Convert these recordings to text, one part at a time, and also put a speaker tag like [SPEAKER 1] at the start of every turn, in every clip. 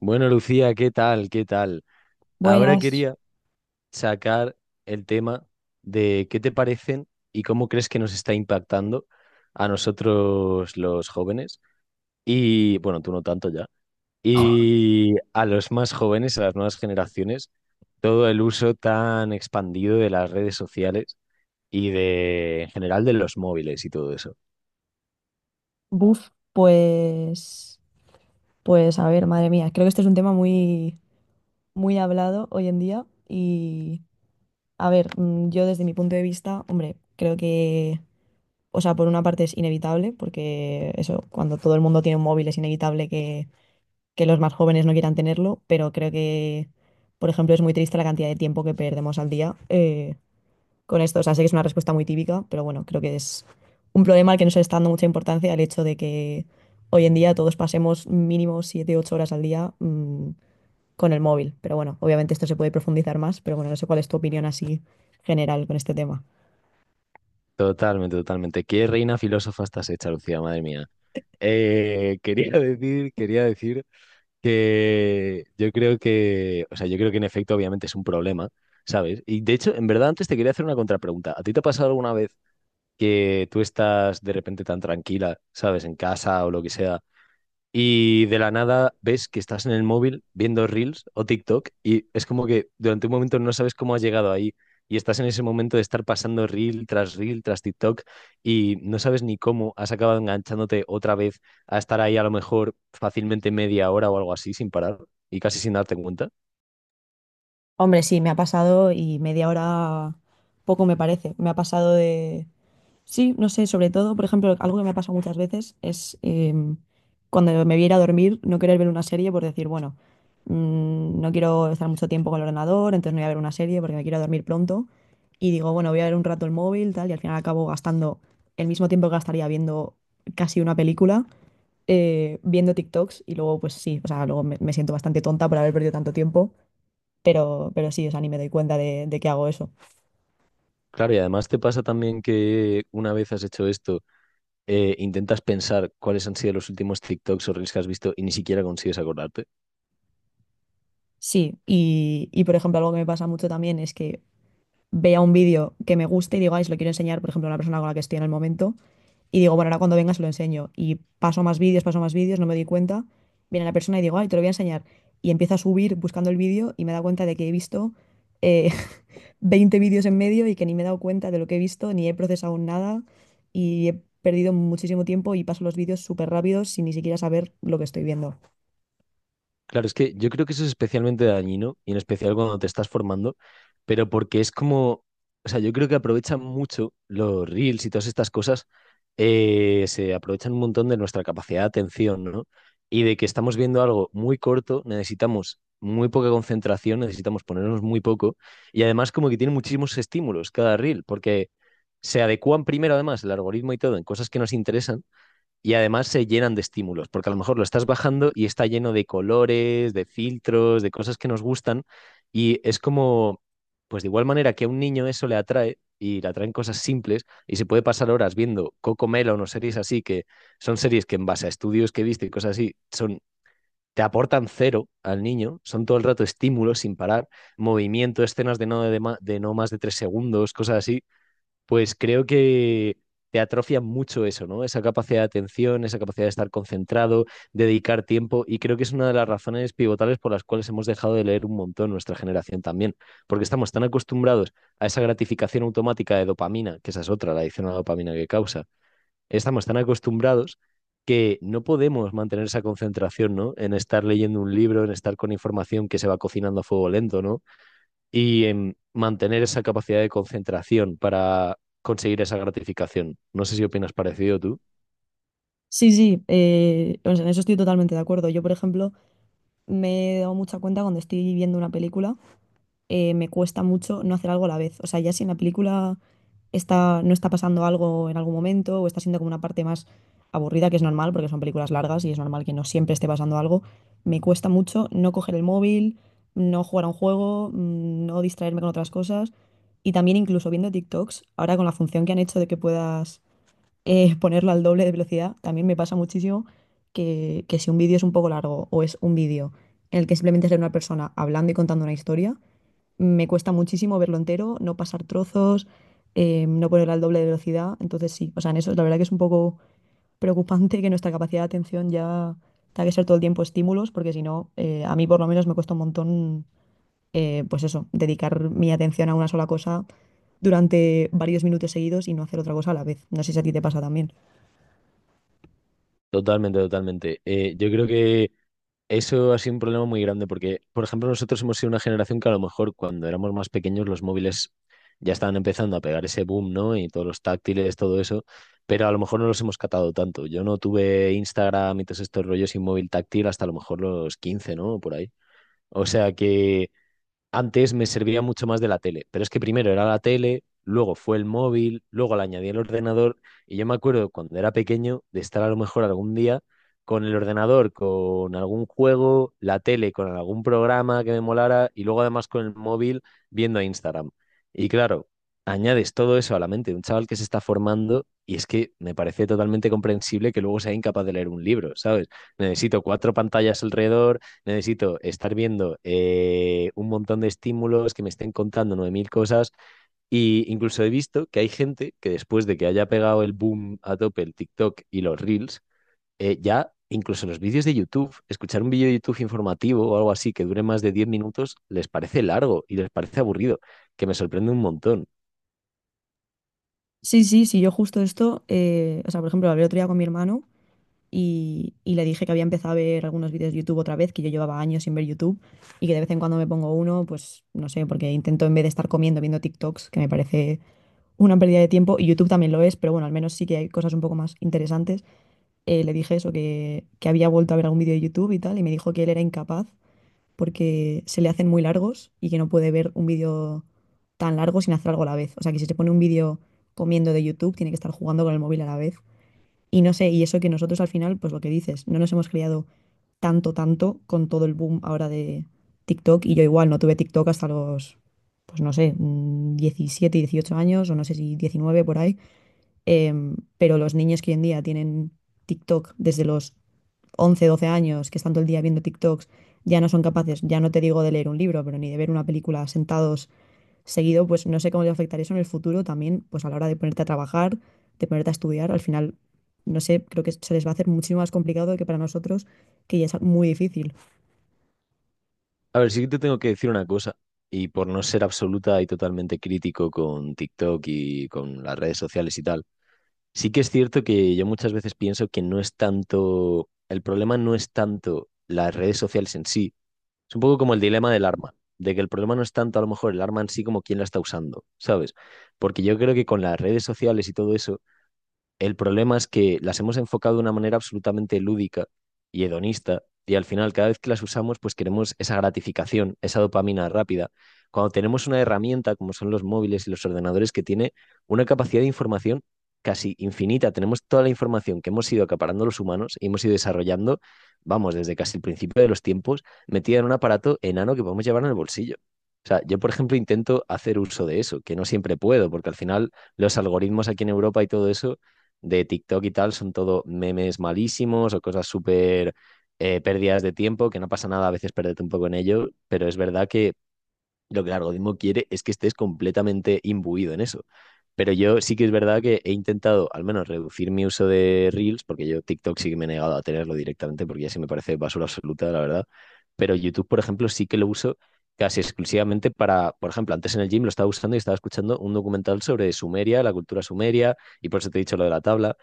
[SPEAKER 1] Bueno, Lucía, ¿qué tal? ¿Qué tal? Ahora
[SPEAKER 2] Buenas.
[SPEAKER 1] quería sacar el tema de qué te parecen y cómo crees que nos está impactando a nosotros los jóvenes y, bueno, tú no tanto ya, y a los más jóvenes, a las nuevas generaciones, todo el uso tan expandido de las redes sociales y de, en general, de los móviles y todo eso.
[SPEAKER 2] Buf, pues, pues a ver, madre mía, creo que este es un tema muy, muy hablado hoy en día, y a ver, yo desde mi punto de vista, hombre, creo que, o sea, por una parte es inevitable, porque eso, cuando todo el mundo tiene un móvil es inevitable que los más jóvenes no quieran tenerlo, pero creo que, por ejemplo, es muy triste la cantidad de tiempo que perdemos al día, con esto. O sea, sé que es una respuesta muy típica, pero bueno, creo que es un problema al que no se le está dando mucha importancia el hecho de que hoy en día todos pasemos mínimo 7 8 horas al día con el móvil. Pero bueno, obviamente esto se puede profundizar más, pero bueno, no sé cuál es tu opinión así general con este tema.
[SPEAKER 1] Totalmente, totalmente. Qué reina filósofa estás hecha, Lucía, madre mía. Quería decir, quería decir que yo creo que, o sea, yo creo que en efecto obviamente es un problema, ¿sabes? Y de hecho, en verdad antes te quería hacer una contrapregunta. ¿A ti te ha pasado alguna vez que tú estás de repente tan tranquila, ¿sabes? En casa o lo que sea, y de la nada ves que estás en el móvil viendo Reels o TikTok y es como que durante un momento no sabes cómo has llegado ahí y estás en ese momento de estar pasando Reel tras TikTok y no sabes ni cómo has acabado enganchándote otra vez a estar ahí a lo mejor fácilmente media hora o algo así sin parar y casi sin darte cuenta.
[SPEAKER 2] Hombre, sí, me ha pasado, y media hora poco me parece. Me ha pasado de, sí, no sé, sobre todo, por ejemplo, algo que me ha pasado muchas veces es, cuando me voy a ir a dormir, no querer ver una serie, por decir, bueno, no quiero estar mucho tiempo con el ordenador, entonces no voy a ver una serie porque me quiero dormir pronto. Y digo, bueno, voy a ver un rato el móvil, tal, y al final acabo gastando el mismo tiempo que gastaría viendo casi una película, viendo TikToks, y luego, pues sí, o sea, luego me siento bastante tonta por haber perdido tanto tiempo, pero sí, o sea, ni me doy cuenta de que hago eso.
[SPEAKER 1] Claro, y además te pasa también que una vez has hecho esto, intentas pensar cuáles han sido los últimos TikToks o Reels que has visto y ni siquiera consigues acordarte.
[SPEAKER 2] Sí, y por ejemplo, algo que me pasa mucho también es que vea un vídeo que me guste y digo, ay, se lo quiero enseñar, por ejemplo, a una persona con la que estoy en el momento, y digo, bueno, ahora cuando venga se lo enseño. Y paso más vídeos, no me doy cuenta. Viene la persona y digo, ay, te lo voy a enseñar. Y empiezo a subir buscando el vídeo y me da cuenta de que he visto eh, 20 vídeos en medio y que ni me he dado cuenta de lo que he visto, ni he procesado nada, y he perdido muchísimo tiempo y paso los vídeos súper rápidos sin ni siquiera saber lo que estoy viendo.
[SPEAKER 1] Claro, es que yo creo que eso es especialmente dañino, y en especial cuando te estás formando, pero porque es como, o sea, yo creo que aprovechan mucho los reels y todas estas cosas, se aprovechan un montón de nuestra capacidad de atención, ¿no? Y de que estamos viendo algo muy corto, necesitamos muy poca concentración, necesitamos ponernos muy poco, y además como que tiene muchísimos estímulos cada reel, porque se adecúan primero además el algoritmo y todo en cosas que nos interesan, y además se llenan de estímulos, porque a lo mejor lo estás bajando y está lleno de colores, de filtros, de cosas que nos gustan. Y es como, pues de igual manera que a un niño eso le atrae y le atraen cosas simples y se puede pasar horas viendo Coco Melon o series así, que son series que, en base a estudios que he visto y cosas así, son, te aportan cero al niño, son todo el rato estímulos sin parar, movimiento, escenas de de no más de 3 segundos, cosas así, pues creo que te atrofia mucho eso, ¿no? Esa capacidad de atención, esa capacidad de estar concentrado, dedicar tiempo, y creo que es una de las razones pivotales por las cuales hemos dejado de leer un montón nuestra generación también, porque estamos tan acostumbrados a esa gratificación automática de dopamina, que esa es otra, la adicción a la dopamina que causa, estamos tan acostumbrados que no podemos mantener esa concentración, ¿no? En estar leyendo un libro, en estar con información que se va cocinando a fuego lento, ¿no? Y mantener esa capacidad de concentración para conseguir esa gratificación. No sé si opinas parecido tú.
[SPEAKER 2] Sí, sí, o sea, en eso estoy totalmente de acuerdo. Yo, por ejemplo, me he dado mucha cuenta cuando estoy viendo una película, me cuesta mucho no hacer algo a la vez. O sea, ya si en la película está, no está pasando algo en algún momento, o está siendo como una parte más aburrida, que es normal porque son películas largas y es normal que no siempre esté pasando algo, me cuesta mucho no coger el móvil, no jugar a un juego, no distraerme con otras cosas. Y también incluso viendo TikToks, ahora con la función que han hecho de que puedas, ponerlo al doble de velocidad, también me pasa muchísimo que si un vídeo es un poco largo, o es un vídeo en el que simplemente es de una persona hablando y contando una historia, me cuesta muchísimo verlo entero, no pasar trozos, no poner al doble de velocidad. Entonces sí, o sea, en eso la verdad que es un poco preocupante que nuestra capacidad de atención ya tenga que ser todo el tiempo estímulos, porque si no, a mí por lo menos me cuesta un montón, pues eso, dedicar mi atención a una sola cosa durante varios minutos seguidos y no hacer otra cosa a la vez. No sé si a ti te pasa también.
[SPEAKER 1] Totalmente, totalmente. Yo creo que eso ha sido un problema muy grande porque, por ejemplo, nosotros hemos sido una generación que a lo mejor cuando éramos más pequeños los móviles ya estaban empezando a pegar ese boom, ¿no? Y todos los táctiles, todo eso, pero a lo mejor no los hemos catado tanto. Yo no tuve Instagram y todos estos rollos sin móvil táctil hasta a lo mejor los 15, ¿no? Por ahí. O sea que antes me servía mucho más de la tele, pero es que primero era la tele, luego fue el móvil, luego le añadí el ordenador, y yo me acuerdo cuando era pequeño de estar a lo mejor algún día con el ordenador, con algún juego, la tele, con algún programa que me molara y luego además con el móvil viendo Instagram. Y claro, añades todo eso a la mente de un chaval que se está formando y es que me parece totalmente comprensible que luego sea incapaz de leer un libro, ¿sabes? Necesito cuatro pantallas alrededor. Necesito estar viendo un montón de estímulos que me estén contando 9.000 cosas. Y incluso he visto que hay gente que después de que haya pegado el boom a tope el TikTok y los Reels, ya incluso los vídeos de YouTube, escuchar un vídeo de YouTube informativo o algo así que dure más de 10 minutos, les parece largo y les parece aburrido, que me sorprende un montón.
[SPEAKER 2] Sí, sí, sí, yo justo esto, o sea, por ejemplo, hablé otro día con mi hermano y le dije que había empezado a ver algunos vídeos de YouTube otra vez, que yo llevaba años sin ver YouTube, y que de vez en cuando me pongo uno, pues no sé, porque intento en vez de estar comiendo viendo TikToks, que me parece una pérdida de tiempo, y YouTube también lo es, pero bueno, al menos sí que hay cosas un poco más interesantes. Le dije eso, que había vuelto a ver algún vídeo de YouTube y tal, y me dijo que él era incapaz porque se le hacen muy largos y que no puede ver un vídeo tan largo sin hacer algo a la vez. O sea, que si se pone un vídeo comiendo de YouTube, tiene que estar jugando con el móvil a la vez. Y no sé, y eso que nosotros al final, pues lo que dices, no nos hemos criado tanto, tanto con todo el boom ahora de TikTok. Y yo igual no tuve TikTok hasta los, pues no sé, 17, 18 años, o no sé si 19 por ahí. Pero los niños que hoy en día tienen TikTok desde los 11, 12 años, que están todo el día viendo TikToks, ya no son capaces, ya no te digo de leer un libro, pero ni de ver una película sentados seguido, pues no sé cómo les afectará eso en el futuro también, pues a la hora de ponerte a trabajar, de ponerte a estudiar. Al final no sé, creo que se les va a hacer muchísimo más complicado que para nosotros, que ya es muy difícil.
[SPEAKER 1] A ver, sí que te tengo que decir una cosa, y por no ser absoluta y totalmente crítico con TikTok y con las redes sociales y tal, sí que es cierto que yo muchas veces pienso que no es tanto, el problema no es tanto las redes sociales en sí. Es un poco como el dilema del arma, de que el problema no es tanto a lo mejor el arma en sí como quién la está usando, ¿sabes? Porque yo creo que con las redes sociales y todo eso el problema es que las hemos enfocado de una manera absolutamente lúdica y hedonista, y al final cada vez que las usamos pues queremos esa gratificación, esa dopamina rápida. Cuando tenemos una herramienta como son los móviles y los ordenadores que tiene una capacidad de información casi infinita, tenemos toda la información que hemos ido acaparando los humanos y hemos ido desarrollando, vamos, desde casi el principio de los tiempos, metida en un aparato enano que podemos llevar en el bolsillo. O sea, yo, por ejemplo, intento hacer uso de eso, que no siempre puedo, porque al final los algoritmos aquí en Europa y todo eso de TikTok y tal son todo memes malísimos o cosas súper pérdidas de tiempo, que no pasa nada a veces perderte un poco en ello, pero es verdad que lo que el algoritmo quiere es que estés completamente imbuido en eso. Pero yo sí que es verdad que he intentado al menos reducir mi uso de Reels, porque yo TikTok sí que me he negado a tenerlo directamente, porque ya sí me parece basura absoluta, la verdad. Pero YouTube, por ejemplo, sí que lo uso casi exclusivamente para, por ejemplo, antes en el gym lo estaba usando y estaba escuchando un documental sobre Sumeria, la cultura sumeria, y por eso te he dicho lo de la tabla,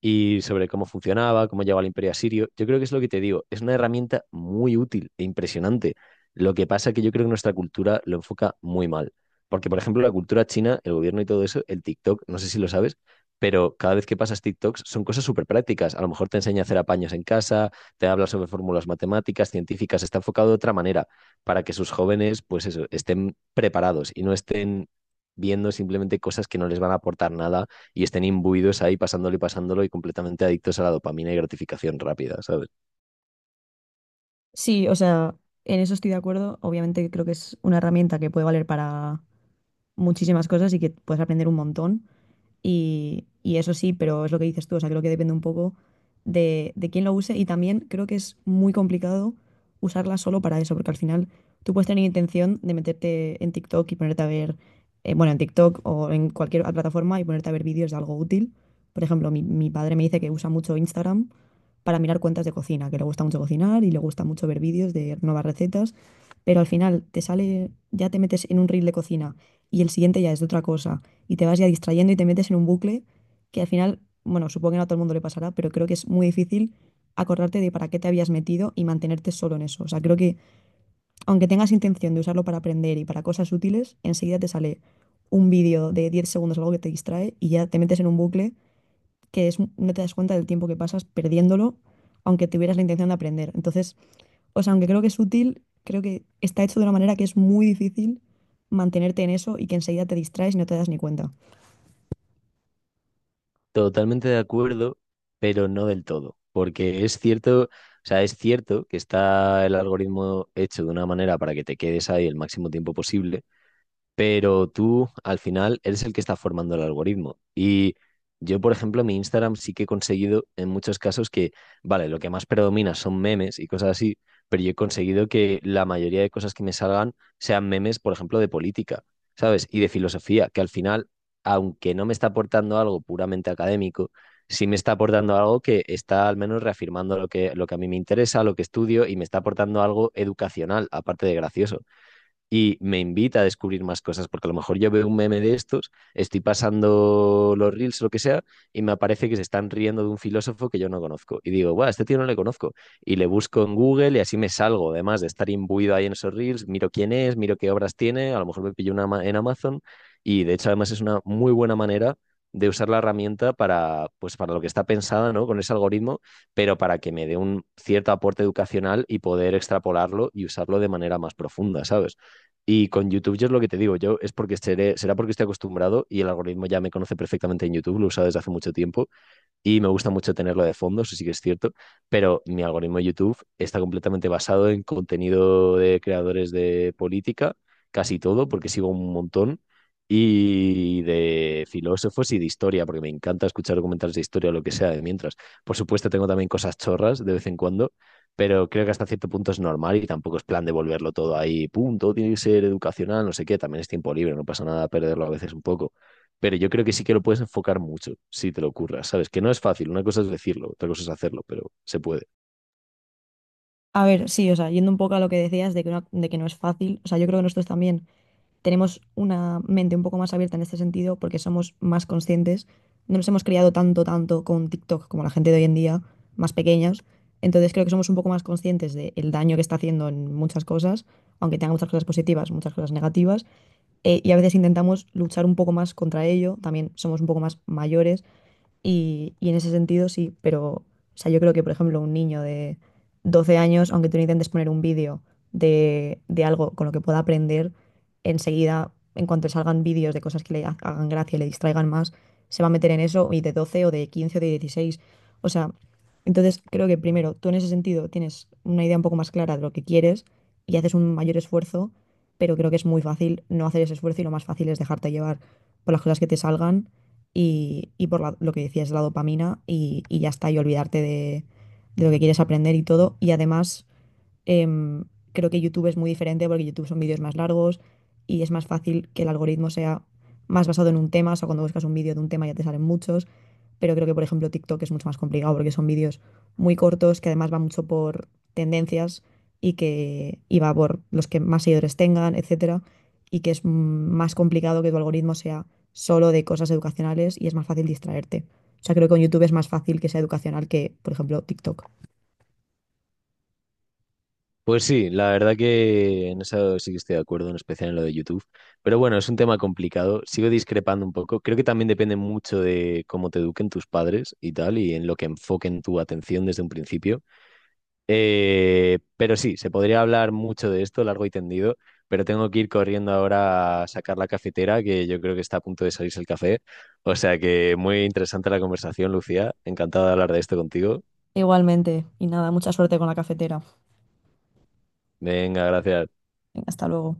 [SPEAKER 1] y sobre cómo funcionaba, cómo llegó al imperio asirio. Yo creo que es lo que te digo, es una herramienta muy útil e impresionante. Lo que pasa es que yo creo que nuestra cultura lo enfoca muy mal. Porque, por ejemplo, la cultura china, el gobierno y todo eso, el TikTok, no sé si lo sabes, pero cada vez que pasas TikToks son cosas súper prácticas. A lo mejor te enseña a hacer apaños en casa, te habla sobre fórmulas matemáticas, científicas, está enfocado de otra manera para que sus jóvenes, pues eso, estén preparados y no estén viendo simplemente cosas que no les van a aportar nada y estén imbuidos ahí pasándolo y pasándolo y completamente adictos a la dopamina y gratificación rápida, ¿sabes?
[SPEAKER 2] Sí, o sea, en eso estoy de acuerdo. Obviamente creo que es una herramienta que puede valer para muchísimas cosas y que puedes aprender un montón. Y eso sí, pero es lo que dices tú, o sea, creo que depende un poco de quién lo use, y también creo que es muy complicado usarla solo para eso, porque al final tú puedes tener intención de meterte en TikTok y ponerte a ver, bueno, en TikTok o en cualquier plataforma y ponerte a ver vídeos de algo útil. Por ejemplo, mi padre me dice que usa mucho Instagram para mirar cuentas de cocina, que le gusta mucho cocinar y le gusta mucho ver vídeos de nuevas recetas, pero al final te sale, ya te metes en un reel de cocina, y el siguiente ya es de otra cosa, y te vas ya distrayendo y te metes en un bucle que al final, bueno, supongo que no a todo el mundo le pasará, pero creo que es muy difícil acordarte de para qué te habías metido y mantenerte solo en eso. O sea, creo que aunque tengas intención de usarlo para aprender y para cosas útiles, enseguida te sale un vídeo de 10 segundos, algo que te distrae, y ya te metes en un bucle que es, no te das cuenta del tiempo que pasas perdiéndolo, aunque tuvieras la intención de aprender. Entonces, o sea, aunque creo que es útil, creo que está hecho de una manera que es muy difícil mantenerte en eso, y que enseguida te distraes y no te das ni cuenta.
[SPEAKER 1] Totalmente de acuerdo, pero no del todo, porque es cierto, o sea, es cierto que está el algoritmo hecho de una manera para que te quedes ahí el máximo tiempo posible, pero tú al final eres el que está formando el algoritmo. Y yo, por ejemplo, en mi Instagram sí que he conseguido en muchos casos que, vale, lo que más predomina son memes y cosas así, pero yo he conseguido que la mayoría de cosas que me salgan sean memes, por ejemplo, de política, ¿sabes? Y de filosofía, que al final, aunque no me está aportando algo puramente académico, sí me está aportando algo que está al menos reafirmando lo que a mí me interesa, lo que estudio, y me está aportando algo educacional, aparte de gracioso, y me invita a descubrir más cosas, porque a lo mejor yo veo un meme de estos, estoy pasando los reels, o lo que sea, y me aparece que se están riendo de un filósofo que yo no conozco. Y digo, guau, este tío no le conozco. Y le busco en Google y así me salgo, además de estar imbuido ahí en esos reels, miro quién es, miro qué obras tiene, a lo mejor me pillo una en Amazon. Y de hecho, además es una muy buena manera de usar la herramienta para, pues, para lo que está pensada, ¿no? Con ese algoritmo, pero para que me dé un cierto aporte educacional y poder extrapolarlo y usarlo de manera más profunda, ¿sabes? Y con YouTube yo es lo que te digo, yo es porque seré, será porque estoy acostumbrado y el algoritmo ya me conoce perfectamente en YouTube, lo he usado desde hace mucho tiempo y me gusta mucho tenerlo de fondo, eso sí que es cierto, pero mi algoritmo de YouTube está completamente basado en contenido de creadores de política, casi todo, porque sigo un montón, y de filósofos y de historia, porque me encanta escuchar documentales de historia o lo que sea de mientras. Por supuesto, tengo también cosas chorras de vez en cuando, pero creo que hasta cierto punto es normal y tampoco es plan de volverlo todo ahí, punto, tiene que ser educacional, no sé qué, también es tiempo libre, no pasa nada perderlo a veces un poco, pero yo creo que sí que lo puedes enfocar mucho si te lo ocurras, ¿sabes? Que no es fácil, una cosa es decirlo, otra cosa es hacerlo, pero se puede.
[SPEAKER 2] A ver, sí, o sea, yendo un poco a lo que decías de que no es fácil, o sea, yo creo que nosotros también tenemos una mente un poco más abierta en este sentido porque somos más conscientes, no nos hemos criado tanto, tanto con TikTok como la gente de hoy en día, más pequeñas. Entonces creo que somos un poco más conscientes del daño que está haciendo en muchas cosas, aunque tenga muchas cosas positivas, muchas cosas negativas, y a veces intentamos luchar un poco más contra ello, también somos un poco más mayores, y en ese sentido sí. Pero o sea, yo creo que, por ejemplo, un niño de 12 años, aunque tú le intentes poner un vídeo de algo con lo que pueda aprender, enseguida, en cuanto salgan vídeos de cosas que le hagan gracia y le distraigan más, se va a meter en eso, y de 12, o de 15, o de 16. O sea, entonces creo que primero, tú en ese sentido tienes una idea un poco más clara de lo que quieres y haces un mayor esfuerzo, pero creo que es muy fácil no hacer ese esfuerzo, y lo más fácil es dejarte llevar por las cosas que te salgan y por lo que decías, la dopamina y ya está, y olvidarte de lo que quieres aprender y todo. Y además, Em, creo que YouTube es muy diferente porque YouTube son vídeos más largos y es más fácil que el algoritmo sea más basado en un tema. O sea, cuando buscas un vídeo de un tema ya te salen muchos. Pero creo que, por ejemplo, TikTok es mucho más complicado porque son vídeos muy cortos que además va mucho por tendencias y que, y va por los que más seguidores tengan, etcétera. Y que es, más complicado que tu algoritmo sea solo de cosas educacionales, y es más fácil distraerte. O sea, creo que con YouTube es más fácil que sea educacional que, por ejemplo, TikTok.
[SPEAKER 1] Pues sí, la verdad que en eso sí que estoy de acuerdo, en especial en lo de YouTube. Pero bueno, es un tema complicado, sigo discrepando un poco. Creo que también depende mucho de cómo te eduquen tus padres y tal, y en lo que enfoquen tu atención desde un principio. Pero sí, se podría hablar mucho de esto, largo y tendido, pero tengo que ir corriendo ahora a sacar la cafetera, que yo creo que está a punto de salirse el café. O sea que muy interesante la conversación, Lucía. Encantado de hablar de esto contigo.
[SPEAKER 2] Igualmente. Y nada, mucha suerte con la cafetera.
[SPEAKER 1] Venga, gracias.
[SPEAKER 2] Venga, hasta luego.